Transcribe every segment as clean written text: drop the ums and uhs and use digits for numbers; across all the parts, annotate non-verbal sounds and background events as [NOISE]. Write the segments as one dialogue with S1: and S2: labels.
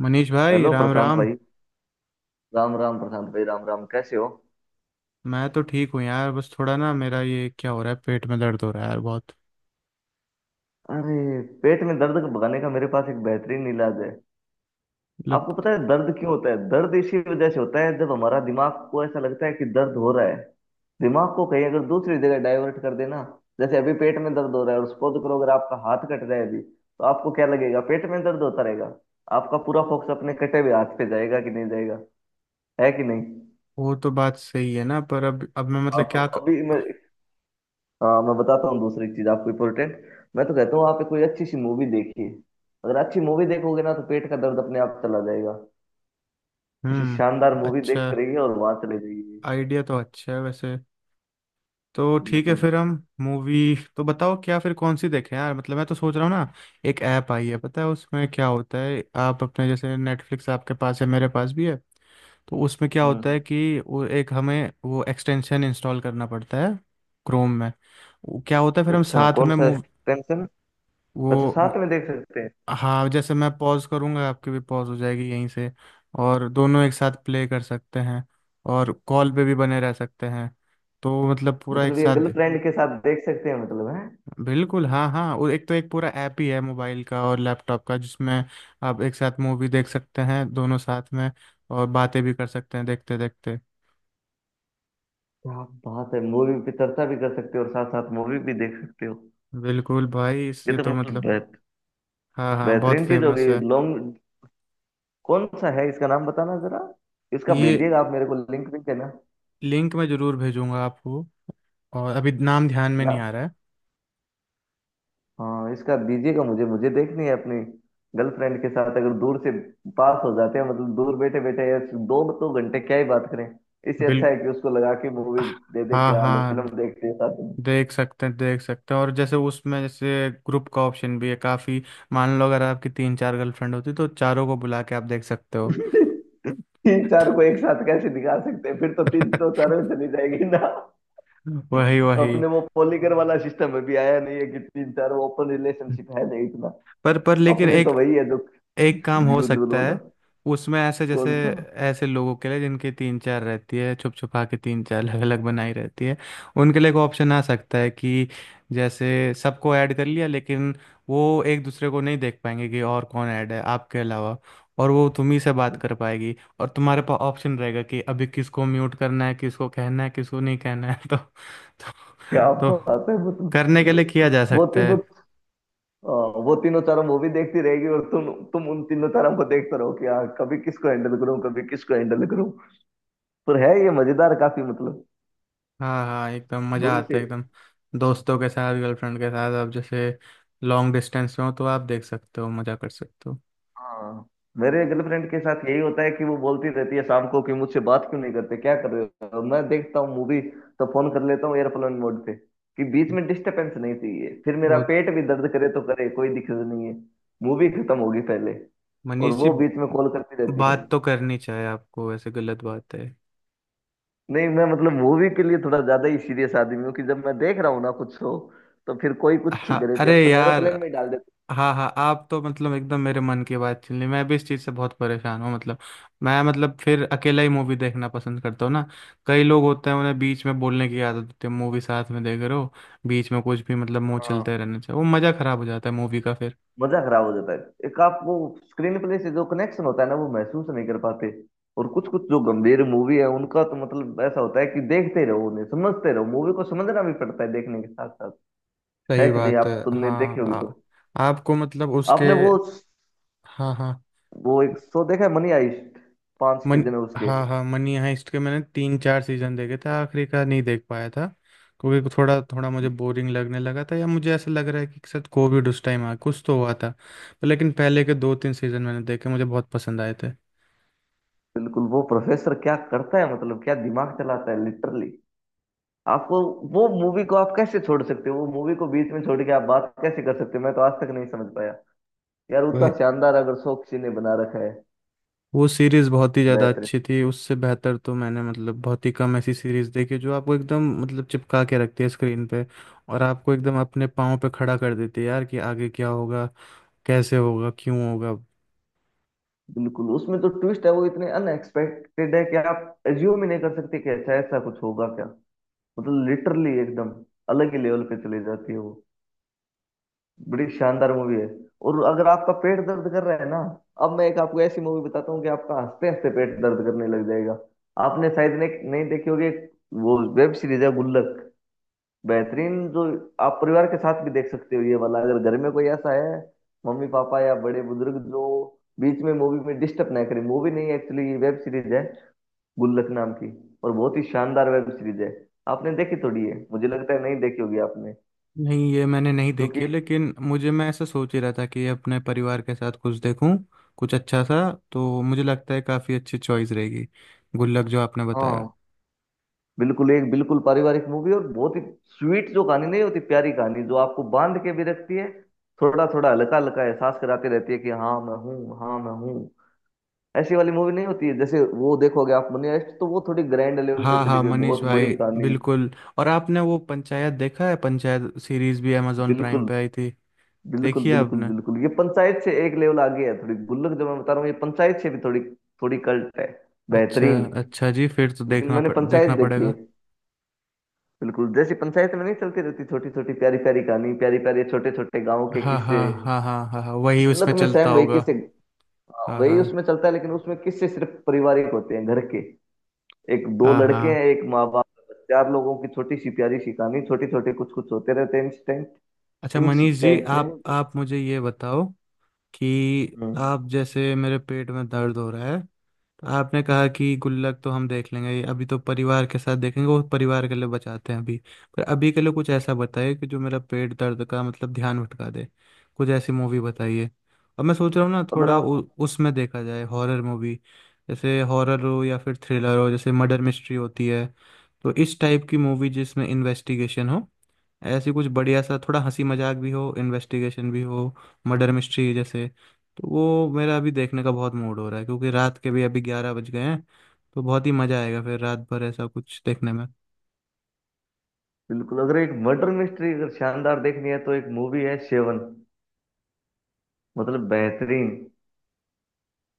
S1: मनीष भाई
S2: हेलो
S1: राम
S2: प्रशांत
S1: राम।
S2: भाई। राम राम प्रशांत भाई, राम राम, कैसे हो?
S1: मैं तो ठीक हूँ यार, बस थोड़ा ना, मेरा ये क्या हो रहा है, पेट में दर्द हो रहा है यार बहुत।
S2: अरे, पेट में दर्द को भगाने का मेरे पास एक बेहतरीन इलाज है।
S1: मतलब
S2: आपको पता है दर्द क्यों होता है? दर्द इसी वजह से होता है जब हमारा दिमाग को ऐसा लगता है कि दर्द हो रहा है। दिमाग को कहीं अगर दूसरी जगह डाइवर्ट कर देना, जैसे अभी पेट में दर्द हो रहा है और सपोज करो अगर आपका हाथ कट रहा है अभी, तो आपको क्या लगेगा? पेट में दर्द होता रहेगा? आपका पूरा फोकस अपने कटे हुए हाथ पे जाएगा कि नहीं जाएगा? है कि नहीं?
S1: वो तो बात सही है ना, पर अब मैं
S2: हाँ
S1: मतलब
S2: तो
S1: क्या
S2: अभी मैं हाँ मैं बताता हूँ, दूसरी चीज आपको इंपॉर्टेंट। मैं तो कहता हूँ आप कोई अच्छी सी मूवी देखिए। अगर अच्छी मूवी देखोगे ना, तो पेट का दर्द अपने आप चला जाएगा। किसी शानदार
S1: हम्म।
S2: मूवी देख
S1: अच्छा,
S2: कर आइए और वहां चले जाइए।
S1: आइडिया तो अच्छा है वैसे। तो ठीक है
S2: बिल्कुल।
S1: फिर हम मूवी तो बताओ, क्या फिर कौन सी देखें यार, मतलब मैं तो सोच रहा हूँ ना। एक ऐप आई है, पता है उसमें क्या होता है, आप अपने जैसे नेटफ्लिक्स आपके पास है, मेरे पास भी है। तो उसमें क्या होता
S2: हम्म।
S1: है कि वो एक हमें वो एक्सटेंशन इंस्टॉल करना पड़ता है, क्रोम में। वो क्या होता है फिर हम
S2: अच्छा,
S1: साथ
S2: कौन
S1: में
S2: सा?
S1: Move
S2: tension. अच्छा,
S1: वो
S2: साथ में देख सकते हैं?
S1: हाँ, जैसे मैं पॉज करूँगा, आपकी भी पॉज हो जाएगी यहीं से। और दोनों एक साथ प्ले कर सकते हैं। और कॉल पे भी बने रह सकते हैं। तो मतलब पूरा एक
S2: मतलब ये
S1: साथ।
S2: गर्लफ्रेंड के साथ देख सकते हैं मतलब है?
S1: बिल्कुल हाँ हाँ, और एक तो एक पूरा ऐप ही है मोबाइल का और लैपटॉप का, जिसमें आप एक साथ मूवी देख सकते हैं दोनों साथ में। और बातें भी कर सकते हैं देखते देखते।
S2: क्या बात है! मूवी पे चर्चा भी कर सकते हो और साथ साथ मूवी भी देख सकते हो।
S1: बिल्कुल भाई, इस
S2: ये
S1: ये
S2: तो
S1: तो
S2: मतलब
S1: मतलब, हाँ हाँ, बहुत
S2: बेहतरीन चीज हो
S1: फेमस
S2: गई
S1: है।
S2: लॉन्ग। कौन सा है इसका नाम बताना जरा। इसका
S1: ये
S2: भेजिएगा, आप मेरे को लिंक भी देना।
S1: लिंक मैं जरूर भेजूंगा आपको। और अभी नाम ध्यान में नहीं आ रहा है।
S2: हाँ इसका दीजिएगा, मुझे मुझे देखनी है अपनी गर्लफ्रेंड के साथ। अगर दूर से पास हो जाते हैं, मतलब दूर बैठे बैठे यार, दो तो घंटे क्या ही बात करें। इससे अच्छा
S1: बिल
S2: है कि उसको लगा के मूवी दे दे,
S1: हाँ
S2: क्या लो
S1: हाँ,
S2: फिल्म देखते हैं साथ में।
S1: देख सकते हैं देख सकते हैं। और जैसे उसमें जैसे ग्रुप का ऑप्शन भी है काफ़ी। मान लो अगर आपकी तीन चार गर्लफ्रेंड होती, तो चारों को बुला के आप देख सकते हो।
S2: [LAUGHS] तीन चार को एक साथ कैसे दिखा सकते हैं? फिर तो तीन तो
S1: [LAUGHS]
S2: चारों में चली जाएगी ना।
S1: वही वही।
S2: अपने वो पॉलीकर वाला सिस्टम अभी आया नहीं है कि तीन चार ओपन रिलेशनशिप है, नहीं इतना।
S1: पर लेकिन
S2: अपने तो
S1: एक
S2: वही है जो
S1: एक काम हो
S2: यूजुअल
S1: सकता
S2: वाला।
S1: है। उसमें ऐसे, जैसे
S2: कौन सा?
S1: ऐसे लोगों के लिए जिनकी तीन चार रहती है, छुप छुपा के तीन चार अलग अलग बनाई रहती है, उनके लिए एक ऑप्शन आ सकता है कि जैसे सबको ऐड कर लिया, लेकिन वो एक दूसरे को नहीं देख पाएंगे कि और कौन ऐड है आपके अलावा। और वो तुम ही से बात कर पाएगी, और तुम्हारे पास ऑप्शन रहेगा कि अभी किसको म्यूट करना है, किसको कहना है, किसको नहीं कहना है। [LAUGHS] तो तो,
S2: क्या
S1: तो
S2: बात है मतलब!
S1: करने के लिए किया जा
S2: वो
S1: सकता
S2: तीनों,
S1: है।
S2: अ, वो तीनों चारों मूवी देखती रहेगी और तुम उन तीनों चारों को देखते रहो कि यार कभी किसको हैंडल करूं कभी किसको हैंडल करूं। पर है ये मजेदार काफी मतलब।
S1: हाँ हाँ, एकदम मज़ा
S2: दूर
S1: आता
S2: से
S1: है एकदम। दोस्तों के साथ, गर्लफ्रेंड के साथ, आप जैसे लॉन्ग डिस्टेंस में हो तो आप देख सकते हो, मज़ा कर सकते हो।
S2: हाँ, मेरे गर्लफ्रेंड के साथ यही होता है कि वो बोलती रहती है शाम को कि मुझसे बात क्यों नहीं करते, क्या कर रहे हो? मैं देखता हूँ मूवी, तो फोन कर लेता हूँ एयरप्लेन मोड पे, कि बीच में डिस्टरबेंस नहीं चाहिए। फिर मेरा
S1: वो
S2: पेट भी दर्द करे तो करे, कोई दिक्कत नहीं है। मूवी खत्म होगी पहले, और
S1: मनीष जी,
S2: वो बीच में कॉल करती रहती है।
S1: बात तो करनी चाहिए आपको, ऐसे गलत बात है।
S2: नहीं मैं मतलब मूवी के लिए थोड़ा ज्यादा ही सीरियस आदमी हूँ, कि जब मैं देख रहा हूँ ना कुछ शो, तो फिर कोई कुछ ही
S1: हाँ
S2: करे
S1: अरे
S2: चाहे, अपन
S1: यार,
S2: एरोप्लेन में ही डाल देते
S1: हाँ हाँ, आप तो मतलब एकदम मेरे मन की बात छीन ली, मैं भी इस चीज़ से बहुत परेशान हूँ मतलब। मैं मतलब फिर अकेला ही मूवी देखना पसंद करता हूँ ना। कई लोग होते हैं, उन्हें बीच में बोलने की आदत होती है, मूवी साथ में देख रहे हो, बीच में कुछ भी, मतलब मुंह
S2: हैं। हाँ,
S1: चलते रहना चाहिए, वो मज़ा खराब हो जाता है मूवी का फिर।
S2: मजा खराब हो जाता है। एक आप वो स्क्रीन प्ले से जो कनेक्शन होता है ना, वो महसूस नहीं कर पाते। और कुछ कुछ जो गंभीर मूवी है उनका तो मतलब ऐसा होता है कि देखते रहो, उन्हें समझते रहो, मूवी को समझना भी पड़ता है देखने के साथ साथ। है
S1: सही
S2: कि नहीं?
S1: बात है
S2: आप तुमने देखी
S1: हाँ।
S2: होगी तो।
S1: आपको मतलब उसके,
S2: आपने वो
S1: हाँ हाँ,
S2: वो एक शो देखा है मनी हाइस्ट, पांच
S1: मन
S2: सीजन है उसके।
S1: हाँ हाँ, मनी हाइस्ट के मैंने तीन चार सीजन देखे थे, आखिरी का नहीं देख पाया था। क्योंकि थोड़ा थोड़ा मुझे बोरिंग लगने लगा था, या मुझे ऐसा लग रहा है कि शायद कोविड उस टाइम आ कुछ तो हुआ था। पर लेकिन पहले के दो तीन सीजन मैंने देखे, मुझे बहुत पसंद आए
S2: बिल्कुल, वो प्रोफेसर क्या करता है मतलब, क्या दिमाग चलाता है लिटरली। आप वो मूवी को आप कैसे छोड़ सकते हो, वो मूवी को बीच में छोड़ के आप बात कैसे कर सकते हो, मैं तो आज तक नहीं समझ पाया यार। उतना
S1: थे।
S2: शानदार अगर शो किसी ने बना रखा है।
S1: वो सीरीज बहुत ही ज़्यादा
S2: बेहतर।
S1: अच्छी थी, उससे बेहतर तो मैंने मतलब बहुत ही कम ऐसी सीरीज देखी जो आपको एकदम मतलब चिपका के रखती है स्क्रीन पे। और आपको एकदम अपने पाँव पे खड़ा कर देती है यार, कि आगे क्या होगा, कैसे होगा, क्यों होगा।
S2: बिल्कुल उसमें तो ट्विस्ट है वो इतने अनएक्सपेक्टेड है कि आप एज्यूम ही नहीं कर सकते कि ऐसा ऐसा कुछ होगा क्या। मतलब लिटरली एकदम अलग ही लेवल पे चली जाती है वो। बड़ी शानदार मूवी है। और अगर आपका पेट दर्द कर रहा है ना, अब मैं एक आपको ऐसी मूवी बताता हूँ कि आपका हंसते हंसते पेट दर्द करने लग जाएगा। आपने शायद ने नहीं देखी होगी एक, वो वेब सीरीज है गुल्लक। बेहतरीन, जो आप परिवार के साथ भी देख सकते हो ये वाला, अगर घर में कोई ऐसा है, मम्मी पापा या बड़े बुजुर्ग, जो बीच में मूवी में डिस्टर्ब ना करें। मूवी नहीं, एक्चुअली वेब सीरीज है गुल्लक नाम की, और बहुत ही शानदार वेब सीरीज है। आपने देखी थोड़ी है मुझे लगता है, नहीं देखी होगी आपने,
S1: नहीं, ये मैंने नहीं
S2: क्योंकि।
S1: देखी है, लेकिन मुझे, मैं ऐसा सोच ही रहा था कि अपने परिवार के साथ कुछ देखूं, कुछ अच्छा सा। तो मुझे लगता है काफ़ी अच्छी चॉइस रहेगी, गुल्लक जो आपने बताया।
S2: हाँ बिल्कुल, एक बिल्कुल पारिवारिक मूवी, और बहुत ही स्वीट जो कहानी नहीं होती, प्यारी कहानी जो आपको बांध के भी रखती है। थोड़ा थोड़ा हल्का हल्का एहसास कराती रहती है कि हाँ मैं हूँ, हाँ मैं हूँ। ऐसी वाली मूवी नहीं होती है, जैसे वो देखोगे आप मनी हाइस्ट तो वो थोड़ी ग्रैंड लेवल पे
S1: हाँ
S2: चली
S1: हाँ,
S2: गई,
S1: मनीष
S2: बहुत बड़ी
S1: भाई,
S2: कहानी।
S1: बिल्कुल। और आपने वो पंचायत देखा है, पंचायत सीरीज भी अमेजोन प्राइम
S2: बिल्कुल।
S1: पे आई थी।
S2: बिल्कुल
S1: देखिए
S2: बिल्कुल
S1: आपने।
S2: बिल्कुल, ये पंचायत से एक लेवल आगे है थोड़ी, गुल्लक जो मैं बता रहा हूँ ये पंचायत से भी थोड़ी, थोड़ी कल्ट है।
S1: अच्छा,
S2: बेहतरीन।
S1: अच्छा जी, फिर तो
S2: लेकिन मैंने पंचायत
S1: देखना
S2: देखी है,
S1: पड़ेगा।
S2: बिल्कुल जैसी पंचायत में नहीं चलती रहती छोटी छोटी प्यारी प्यारी कहानी, प्यारी प्यारी छोटे छोटे गाँव के
S1: हाँ हाँ
S2: किस्से,
S1: हाँ हाँ हाँ हाँ, वही
S2: गुल्लक
S1: उसमें
S2: में
S1: चलता
S2: सेम वही
S1: होगा।
S2: किस्से। हाँ,
S1: हाँ
S2: वही
S1: हाँ
S2: उसमें चलता है, लेकिन उसमें किस्से सिर्फ पारिवारिक होते हैं घर के। एक दो
S1: हाँ
S2: लड़के
S1: हाँ।
S2: हैं, एक माँ बाप का बच्चा, आप लोगों की छोटी सी प्यारी सी कहानी, छोटे छोटे कुछ कुछ होते रहते हैं इंसिडेंट।
S1: अच्छा मनीष जी,
S2: इंसिडेंट नहीं
S1: आप
S2: बोलते।
S1: आप मुझे ये बताओ कि
S2: हम्म।
S1: आप, जैसे मेरे पेट में दर्द हो रहा है, तो आपने कहा कि गुल्लक तो हम देख लेंगे, ये अभी तो परिवार के साथ देखेंगे, वो परिवार के लिए बचाते हैं अभी। पर अभी के लिए कुछ ऐसा बताइए कि जो मेरा पेट दर्द का मतलब ध्यान भटका दे। कुछ ऐसी मूवी बताइए। अब मैं सोच रहा हूँ ना
S2: अगर
S1: थोड़ा
S2: आप
S1: उसमें देखा जाए हॉरर मूवी, जैसे हॉरर हो या फिर थ्रिलर हो, जैसे मर्डर मिस्ट्री होती है। तो इस टाइप की मूवी जिसमें इन्वेस्टिगेशन हो, ऐसी कुछ बढ़िया सा, थोड़ा हंसी मजाक भी हो, इन्वेस्टिगेशन भी हो, मर्डर मिस्ट्री जैसे। तो वो मेरा अभी देखने का बहुत मूड हो रहा है, क्योंकि रात के भी अभी 11 बज गए हैं। तो बहुत ही मज़ा आएगा फिर रात भर ऐसा कुछ देखने में।
S2: बिल्कुल, अगर एक मर्डर मिस्ट्री अगर शानदार देखनी है, तो एक मूवी है सेवन, मतलब बेहतरीन,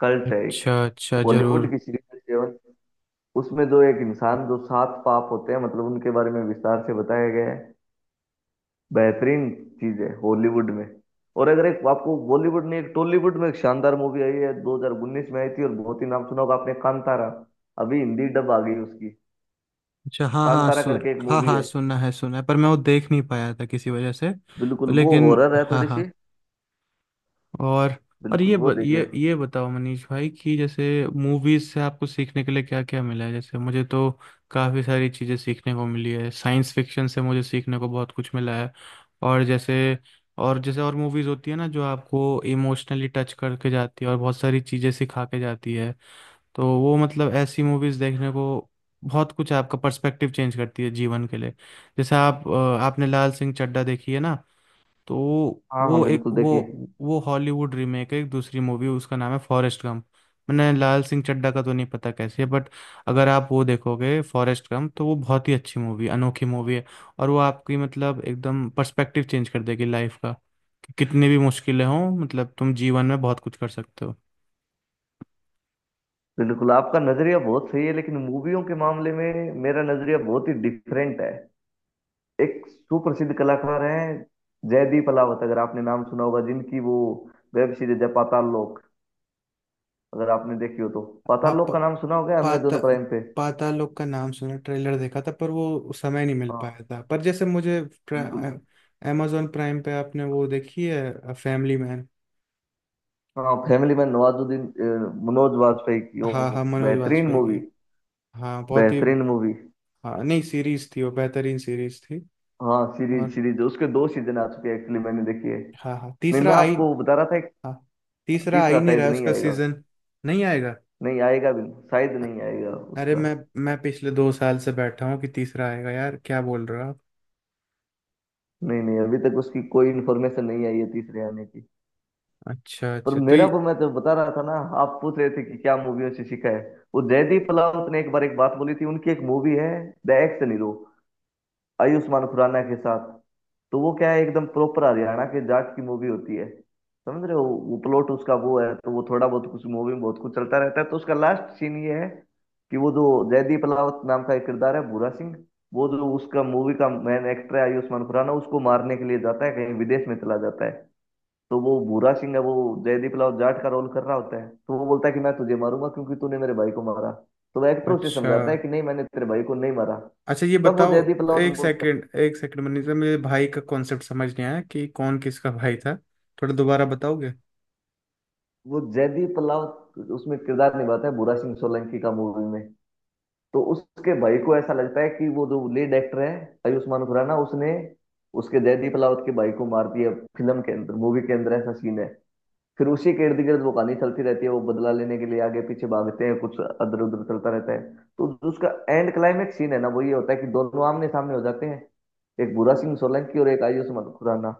S2: कल्ट है एक,
S1: अच्छा अच्छा,
S2: बॉलीवुड
S1: जरूर।
S2: की सीरीज है सेवन। उसमें जो एक इंसान जो सात पाप होते हैं मतलब, उनके बारे में विस्तार से बताया गया है। बेहतरीन चीज है हॉलीवुड में। और अगर एक आपको बॉलीवुड नहीं, एक टॉलीवुड में एक शानदार मूवी आई है 2019 में आई थी, और बहुत ही नाम सुना होगा आपने, कांतारा। अभी हिंदी डब आ गई उसकी।
S1: अच्छा, हाँ हाँ,
S2: कांतारा
S1: सुन
S2: करके एक
S1: हाँ
S2: मूवी
S1: हाँ,
S2: है,
S1: सुनना है, सुना है, पर मैं वो देख नहीं पाया था किसी वजह से,
S2: बिल्कुल
S1: तो
S2: वो
S1: लेकिन
S2: हॉरर है
S1: हाँ
S2: थोड़ी सी,
S1: हाँ। और और
S2: बिल्कुल
S1: ये
S2: वो
S1: ब,
S2: देखिए।
S1: ये बताओ मनीष भाई, कि जैसे मूवीज से आपको सीखने के लिए क्या क्या मिला है, जैसे मुझे तो काफ़ी सारी चीज़ें सीखने को मिली है, साइंस फिक्शन से मुझे सीखने को बहुत कुछ मिला है। और जैसे और मूवीज होती है ना, जो आपको इमोशनली टच करके जाती है और बहुत सारी चीज़ें सिखा के जाती है। तो वो मतलब ऐसी मूवीज देखने को, बहुत कुछ आपका पर्सपेक्टिव चेंज करती है जीवन के लिए। जैसे आप आपने लाल सिंह चड्ढा देखी है ना। तो
S2: हाँ हाँ
S1: वो एक
S2: बिल्कुल
S1: वो
S2: देखिए।
S1: वो हॉलीवुड रीमेक है एक दूसरी मूवी, उसका नाम है फॉरेस्ट गम। मैंने लाल सिंह चड्ढा का तो नहीं पता कैसी है, बट अगर आप वो देखोगे फॉरेस्ट गम, तो वो बहुत ही अच्छी मूवी, अनोखी मूवी है। और वो आपकी मतलब एकदम पर्सपेक्टिव चेंज कर देगी लाइफ का, कि कितनी भी मुश्किलें हों मतलब तुम जीवन में बहुत कुछ कर सकते हो।
S2: बिल्कुल आपका नजरिया बहुत सही है, लेकिन मूवियों के मामले में मेरा नजरिया बहुत ही डिफरेंट है। एक सुप्रसिद्ध कलाकार हैं जयदीप अलावत, अगर आपने नाम सुना होगा, जिनकी वो वेब सीरीज है पाताल लोक, अगर आपने देखी हो तो। पाताल
S1: आप
S2: लोक का नाम सुना होगा
S1: पाता
S2: अमेजोन प्राइम पे।
S1: पाताल लोक का नाम सुना, ट्रेलर देखा था, पर वो समय नहीं मिल
S2: हाँ
S1: पाया था, पर जैसे मुझे,
S2: बिल्कुल।
S1: अमेजोन प्राइम पे आपने वो देखी है फैमिली मैन।
S2: हाँ फैमिली में नवाजुद्दीन मनोज वाजपेयी की,
S1: हाँ
S2: ओहो,
S1: हाँ, मनोज
S2: बेहतरीन
S1: वाजपेयी
S2: मूवी।
S1: की। हाँ बहुत ही।
S2: बेहतरीन मूवी।
S1: हाँ नहीं, सीरीज थी, वो बेहतरीन सीरीज थी।
S2: हाँ
S1: और
S2: सीरीज, सीरीज उसके दो सीजन आ चुके हैं, एक्चुअली मैंने देखी है।
S1: हाँ हाँ,
S2: नहीं मैं
S1: तीसरा आई।
S2: आपको बता रहा था एक।
S1: हाँ, तीसरा
S2: तीसरा
S1: आई नहीं
S2: शायद
S1: रहा
S2: नहीं
S1: उसका
S2: आएगा।
S1: सीजन। नहीं आएगा।
S2: नहीं आएगा भी नहीं, शायद नहीं आएगा
S1: अरे
S2: उसका।
S1: मैं पिछले 2 साल से बैठा हूँ कि तीसरा आएगा यार, क्या बोल रहे हो आप।
S2: नहीं नहीं अभी तक उसकी कोई इन्फॉर्मेशन नहीं आई है तीसरे आने की।
S1: अच्छा
S2: पर
S1: अच्छा, तो
S2: मेरा
S1: ये,
S2: पर मैं तो बता रहा था ना, आप पूछ रहे थे कि क्या मूवियों से सीखा है। वो जयदीप पलावत ने एक बार एक बात बोली थी, उनकी एक मूवी है the action hero, Ayushmann Khurrana के साथ। तो वो क्या है, एकदम प्रॉपर हरियाणा के जाट की मूवी होती है, समझ रहे हो। वो प्लॉट उसका वो है, तो वो थोड़ा बहुत कुछ, मूवी में बहुत कुछ चलता रहता है, तो उसका लास्ट सीन ये है कि वो जो जयदीप अलावत नाम का एक किरदार है भूरा सिंह, वो जो उसका मूवी का मेन एक्टर है आयुष्मान खुराना उसको मारने के लिए जाता है, कहीं विदेश में चला जाता है। तो वो भूरा सिंह है, वो जयदीप लाल जाट का रोल कर रहा होता है, तो वो बोलता है कि मैं तुझे मारूंगा क्योंकि तूने मेरे भाई को मारा। तो वो एक्टर उसे
S1: अच्छा
S2: समझाता है कि नहीं मैंने तेरे भाई को नहीं मारा।
S1: अच्छा, ये
S2: तब वो
S1: बताओ।
S2: जयदीप राउत
S1: एक
S2: बोलता है।
S1: सेकंड, एक सेकंड मनीष सर, मुझे भाई का कॉन्सेप्ट समझ नहीं आया कि कौन किसका भाई था। थोड़ा दोबारा बताओगे।
S2: वो जयदीप राउत उसमें किरदार निभाता है भूरा सिंह सोलंकी का मूवी में। तो उसके भाई को ऐसा लगता है कि वो जो लीड एक्टर है आयुष्मान खुराना उसने उसके, जयदीप राउत के भाई को मार दिया, फिल्म के अंदर, मूवी के अंदर ऐसा सीन है। फिर उसी के इर्द गिर्द वो कहानी चलती रहती है, वो बदला लेने के लिए आगे पीछे भागते हैं, कुछ अदर उधर चलता रहता है। तो जो उसका एंड क्लाइमेक्स सीन है ना, वो ये होता है कि दोनों आमने सामने हो जाते हैं, एक भूरा सिंह सोलंकी और एक आयुष मत- खुराना,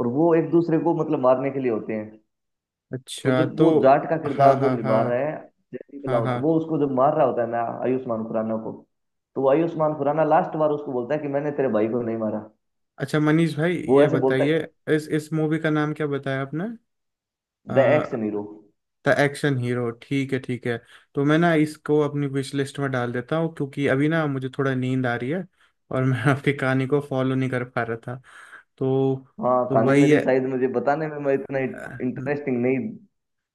S2: और वो एक दूसरे को मतलब मारने के लिए होते हैं। तो
S1: अच्छा,
S2: जब
S1: तो
S2: वो जाट का
S1: हाँ
S2: किरदार जो
S1: हाँ
S2: निभा रहा
S1: हाँ
S2: है जयदीप
S1: हाँ
S2: लाहौट,
S1: हाँ।
S2: वो उसको जब मार रहा होता है ना आयुष्मान खुराना को, तो वो आयुष्मान खुराना लास्ट बार उसको बोलता है कि मैंने तेरे भाई को नहीं मारा।
S1: अच्छा मनीष भाई,
S2: वो
S1: ये
S2: ऐसे बोलता
S1: बताइए,
S2: है,
S1: इस मूवी का नाम क्या बताया आपने।
S2: The ex hero.
S1: The action hero, ठीक है ठीक है। तो मैं ना इसको अपनी विश लिस्ट में डाल देता हूँ, क्योंकि अभी ना मुझे थोड़ा नींद आ रही है, और मैं [LAUGHS] आपकी कहानी को फॉलो नहीं कर पा रहा था। तो
S2: हाँ,
S1: तो
S2: कहानी
S1: वही
S2: मेरी
S1: है।
S2: शायद, मुझे बताने में मैं इतना
S1: अ,
S2: इंटरेस्टिंग नहीं,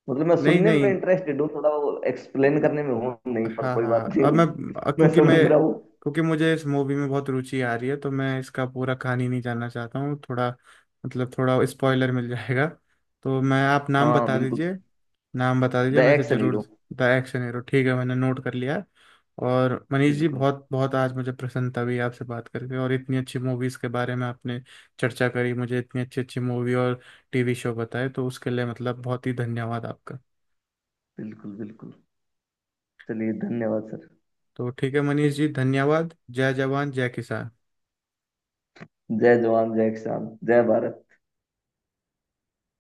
S2: मतलब मैं
S1: नहीं
S2: सुनने में
S1: नहीं,
S2: इंटरेस्टेड हूँ थोड़ा, वो एक्सप्लेन करने में हूँ नहीं, पर
S1: हाँ
S2: कोई बात
S1: हाँ, अब
S2: नहीं।
S1: मैं अ,
S2: [LAUGHS] मैं
S1: क्योंकि मैं
S2: समझ रहा हूँ।
S1: क्योंकि मुझे इस मूवी में बहुत रुचि आ रही है, तो मैं इसका पूरा कहानी नहीं जानना चाहता हूँ, थोड़ा मतलब थोड़ा स्पॉइलर मिल जाएगा। तो मैं, आप नाम
S2: हाँ
S1: बता
S2: बिल्कुल।
S1: दीजिए, नाम बता
S2: द
S1: दीजिए मैं इसे
S2: एक्शन
S1: जरूर।
S2: हीरो।
S1: द एक्शन हीरो, ठीक है, मैंने नोट कर लिया। और मनीष जी,
S2: बिल्कुल
S1: बहुत बहुत आज मुझे प्रसन्नता हुई आपसे बात करके, और इतनी अच्छी मूवीज़ के बारे में आपने चर्चा करी, मुझे इतनी अच्छी अच्छी मूवी और टीवी शो बताए, तो उसके लिए मतलब बहुत ही धन्यवाद आपका।
S2: बिल्कुल बिल्कुल। चलिए धन्यवाद सर।
S1: तो ठीक है मनीष जी, धन्यवाद, जय जवान जय किसान।
S2: जय जवान, जय किसान, जय भारत।